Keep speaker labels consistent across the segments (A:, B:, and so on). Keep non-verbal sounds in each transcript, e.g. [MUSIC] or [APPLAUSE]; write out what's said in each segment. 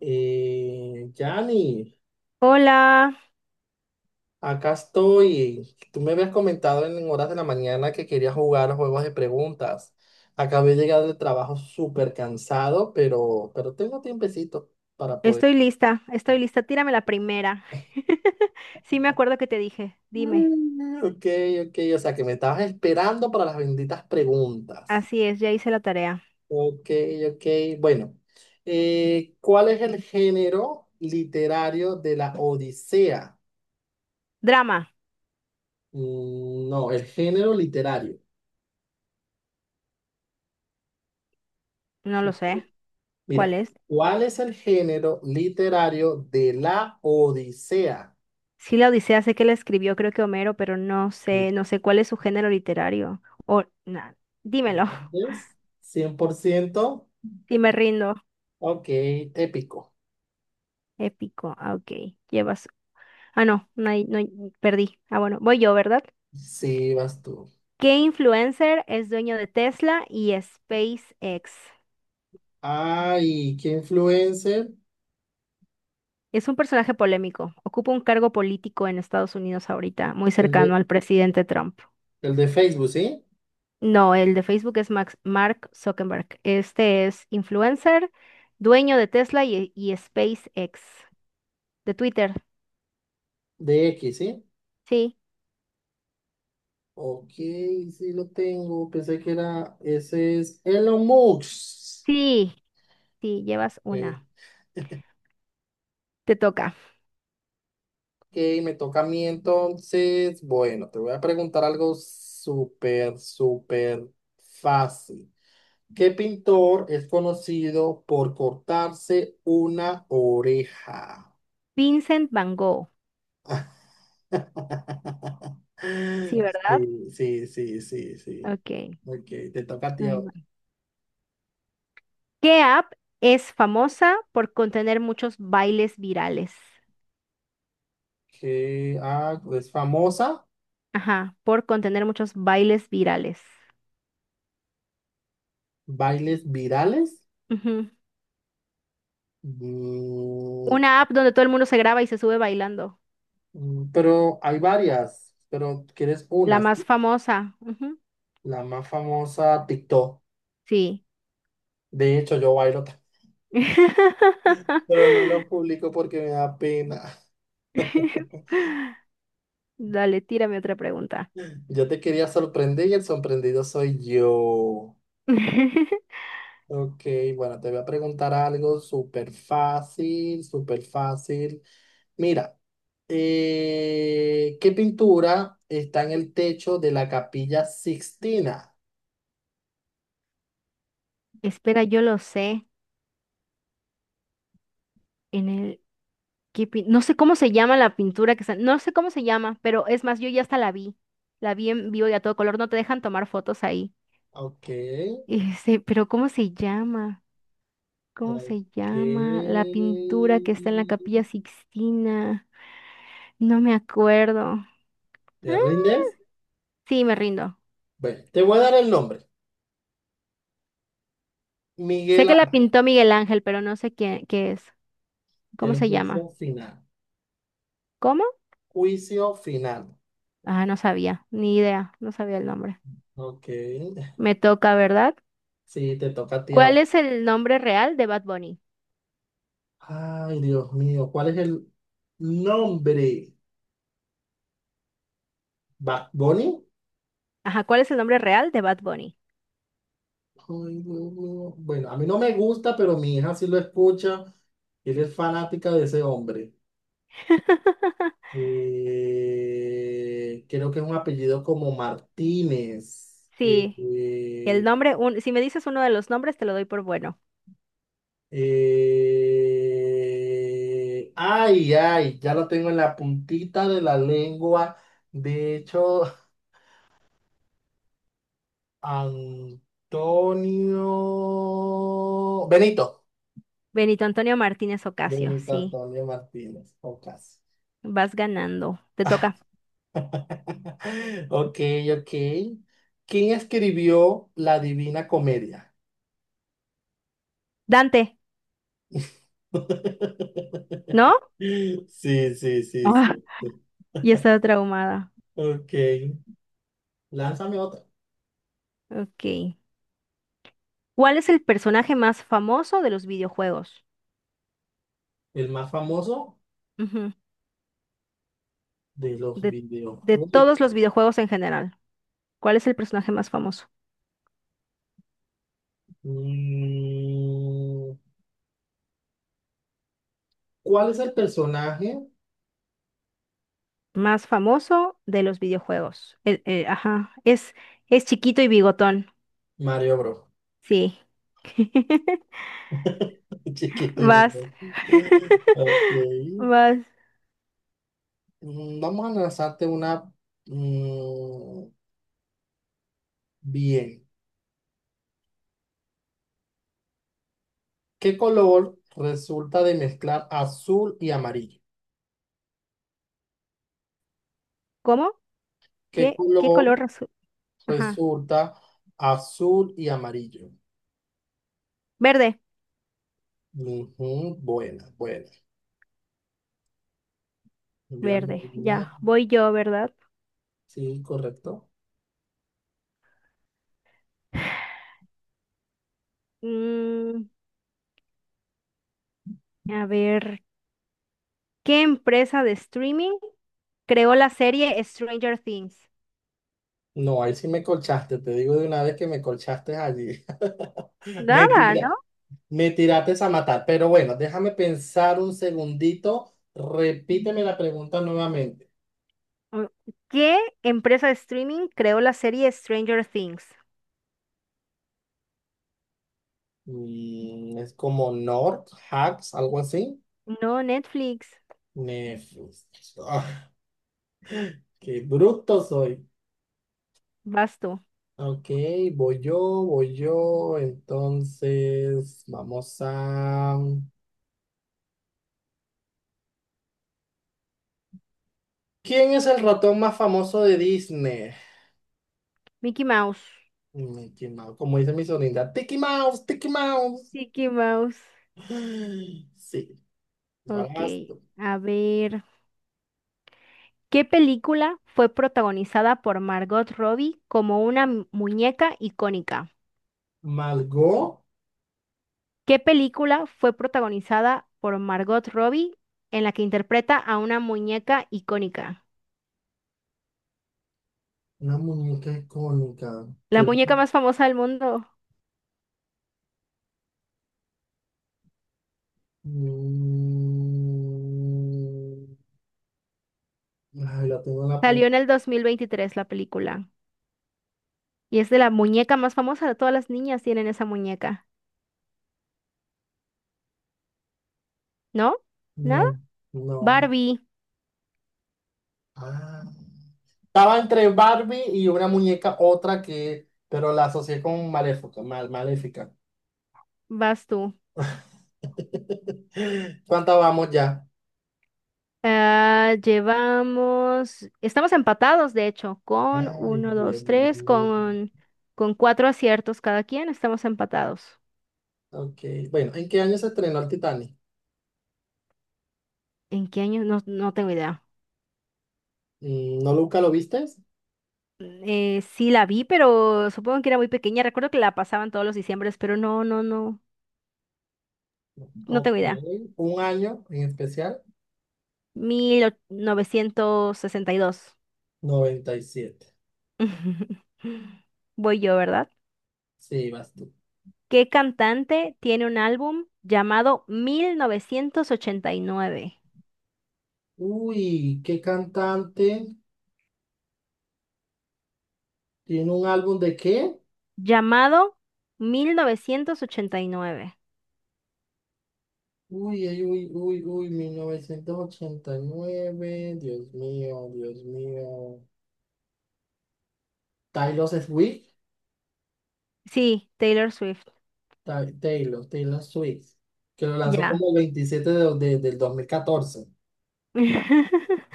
A: Yani,
B: Hola,
A: acá estoy. Tú me habías comentado en horas de la mañana que querías jugar juegos de preguntas. Acabé de llegar del trabajo súper cansado, pero tengo tiempecito para poder
B: estoy lista, estoy
A: jugar.
B: lista. Tírame la primera. [LAUGHS] Sí, me acuerdo que te dije. Dime.
A: Mm, Ok, ok, o sea que me estabas esperando para las benditas preguntas.
B: Así es, ya hice la tarea.
A: Ok, ok, bueno. ¿Cuál es el género literario de la Odisea?
B: Drama.
A: Mm, no, el género literario.
B: No lo sé. ¿Cuál
A: Mira,
B: es?
A: ¿cuál es el género literario de la Odisea?
B: Sí, la Odisea sé que la escribió, creo que Homero, pero no sé, no sé cuál es su género literario. O, nada. Dímelo. [LAUGHS]
A: ¿Entiendes? ¿100%?
B: Y me rindo.
A: Ok, épico.
B: Épico. Ah, ok. Llevas. Ah, no, no hay, perdí. Ah, bueno, voy yo, ¿verdad?
A: Sí, vas tú.
B: ¿Qué influencer es dueño de Tesla y SpaceX?
A: Ay, ¿qué influencer?
B: Es un personaje polémico. Ocupa un cargo político en Estados Unidos ahorita, muy
A: El
B: cercano
A: de,
B: al presidente Trump.
A: el de Facebook, ¿sí?
B: No, el de Facebook es Mark Zuckerberg. Este es influencer, dueño de Tesla y SpaceX. De Twitter.
A: De X, ¿sí?
B: Sí,
A: Ok, sí lo tengo. Pensé que era, ese es Elon Musk.
B: sí, sí, llevas
A: Eh,
B: una. Te toca.
A: Ok, me toca a mí entonces. Bueno, te voy a preguntar algo súper, súper fácil. ¿Qué pintor es conocido por cortarse una oreja?
B: Vincent Van Gogh.
A: [LAUGHS]
B: Sí, ¿verdad?
A: Sí, sí, sí, sí, sí.
B: Ok.
A: Ok, te toca a ti
B: ahí
A: ahora.
B: va. ¿Qué app es famosa por contener muchos bailes virales?
A: Ah, ¿es famosa?
B: Ajá, por contener muchos bailes virales.
A: ¿Bailes virales?
B: Ujú.
A: Mm,
B: Una app donde todo el mundo se graba y se sube bailando.
A: pero hay varias, pero ¿quieres
B: La
A: unas?
B: más famosa. Ujú.
A: La más famosa, TikTok.
B: Sí.
A: De hecho, yo bailo. [LAUGHS] Pero no
B: [LAUGHS]
A: lo publico porque me da pena.
B: Dale, tírame otra pregunta.
A: Yo te quería sorprender y el sorprendido soy yo.
B: [LAUGHS]
A: Ok, bueno, te voy a preguntar algo súper fácil, súper fácil. Mira, ¿qué pintura está en el techo de la Capilla Sixtina?
B: Espera, yo lo sé. En el ¿qué pin- No sé cómo se llama la pintura que está. No sé cómo se llama, pero es más, yo ya hasta la vi. La vi en vivo y a todo color. No te dejan tomar fotos ahí.
A: Ok,
B: Este, pero ¿cómo se llama? ¿Cómo
A: ok.
B: se llama la pintura que está en la Capilla Sixtina? No me acuerdo.
A: ¿Te
B: [LAUGHS]
A: rindes?
B: Sí, me rindo.
A: Bueno, te voy a dar el nombre.
B: Sé
A: Miguel
B: que la
A: Ángel,
B: pintó Miguel Ángel, pero no sé qué es. ¿Cómo
A: el
B: se
A: juicio
B: llama?
A: final.
B: ¿Cómo?
A: Juicio final.
B: Ah, no sabía, ni idea, no sabía el nombre.
A: Ok. [LAUGHS]
B: Me toca, ¿verdad?
A: Sí, te toca a ti ahora.
B: ¿Cuál es el nombre real de Bad Bunny?
A: Ay, Dios mío, ¿cuál es el nombre? ¿Bad Bunny?
B: Ajá, ¿cuál es el nombre real de Bad Bunny?
A: Bueno, a mí no me gusta, pero mi hija sí lo escucha. Ella es fanática de ese hombre.
B: [LAUGHS]
A: Creo que es un apellido como Martínez.
B: Sí, el nombre, si me dices uno de los nombres, te lo doy por bueno.
A: Ay, ay, ya lo tengo en la puntita de la lengua. De hecho, [LAUGHS] Antonio Benito.
B: Benito Antonio Martínez Ocasio,
A: Benito
B: sí,
A: Antonio Martínez, o casi.
B: vas ganando. Te toca.
A: [LAUGHS] Ok, ok. ¿Quién escribió La Divina Comedia?
B: Dante, ¿no?
A: [LAUGHS] Sí, sí,
B: Ah,
A: sí,
B: [LAUGHS]
A: sí.
B: ya estaba traumada.
A: Ok. Lánzame otra.
B: Ok. ¿Cuál es el personaje más famoso de los videojuegos?
A: El más famoso
B: Ujú.
A: de los
B: De, de
A: videojuegos.
B: todos los videojuegos en general, ¿cuál es el personaje más famoso?
A: Mm, ¿Cuál es el personaje?
B: Más famoso de los videojuegos. Ajá, es chiquito y bigotón.
A: Mario Bros.
B: Sí. [LAUGHS]
A: [LAUGHS] Chiquito y
B: Vas.
A: vivo. Ok.
B: [LAUGHS] Vas.
A: Vamos a lanzarte una, mm, bien. ¿Qué color resulta de mezclar azul y amarillo?
B: ¿Cómo?
A: ¿Qué
B: ¿Qué
A: color
B: color azul? Ajá.
A: resulta azul y amarillo?
B: Verde.
A: Ujú, buena, buena. Envíame
B: Verde.
A: una.
B: Ya. Voy yo, ¿verdad?
A: Sí, correcto.
B: Mm, a ver. ¿Qué empresa de streaming creó la serie Stranger Things?
A: No, ahí sí me colchaste. Te digo de una vez que me colchaste allí. [LAUGHS] Me
B: Nada, ¿no?
A: tira- me tiraste a matar. Pero bueno, déjame pensar un segundito. Repíteme la pregunta nuevamente.
B: Mm, ¿Qué empresa de streaming creó la serie Stranger Things?
A: Es como North, Hacks, algo así.
B: No, Netflix.
A: Nefus. Ah, qué bruto soy.
B: Basto.
A: Ok, voy yo, voy yo. Entonces, vamos a... ¿Quién es el ratón más famoso de Disney?
B: Mickey Mouse.
A: Mickey Mouse, como dice mi sonrisa. Tiki Mouse, Tiki Mouse.
B: Mickey Mouse.
A: [GASPS] Sí, ahora
B: Ok,
A: vas tú.
B: a ver. ¿Qué película fue protagonizada por Margot Robbie como una muñeca icónica?
A: Margot,
B: ¿Qué película fue protagonizada por Margot Robbie en la que interpreta a una muñeca icónica?
A: una muñeca icónica.
B: La
A: Que...
B: muñeca más famosa del mundo.
A: Mm, ay, la tengo en la.
B: Salió en el 2023 la película. Y es de la muñeca más famosa, todas las niñas tienen esa muñeca, ¿no? ¿Nada?
A: No, no.
B: Barbie,
A: Ah. Estaba entre Barbie y una muñeca, otra que, pero la asocié con Maléfica. Maléfica.
B: vas tú.
A: [LAUGHS] ¿Cuántas vamos ya?
B: Ah, llevamos, estamos empatados, de hecho, con
A: Ay,
B: uno,
A: bien,
B: dos, tres,
A: bien.
B: con cuatro aciertos cada quien, estamos empatados.
A: Ok, bueno, ¿en qué año se estrenó el Titanic?
B: ¿En qué año? No, no tengo idea.
A: ¿No nunca lo viste?
B: Sí la vi, pero supongo que era muy pequeña. Recuerdo que la pasaban todos los diciembres, pero no, no, no, no
A: Ok,
B: tengo idea.
A: un año en especial,
B: 1962.
A: 97.
B: [LAUGHS] Voy yo, ¿verdad?
A: Sí, vas tú.
B: ¿Qué cantante tiene un álbum llamado 1989?
A: Uy, ¿qué cantante tiene un álbum de qué?
B: Llamado 1989.
A: Uy, ay, uy, uy, uy, 1989. Dios mío, Dios mío. Taylor Swift.
B: Sí, Taylor Swift.
A: Taylor Swift, que lo lanzó
B: Ya.
A: como el 27 de, del 2014.
B: [LAUGHS]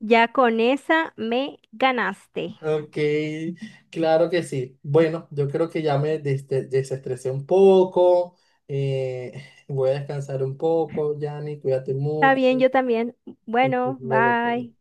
B: Ya con esa me ganaste.
A: Ok, claro que sí. Bueno, yo creo que ya me desestresé un poco. eh, voy a descansar un poco, Yanni, cuídate
B: Está bien,
A: mucho.
B: yo también.
A: Que estés
B: Bueno,
A: bien,
B: bye.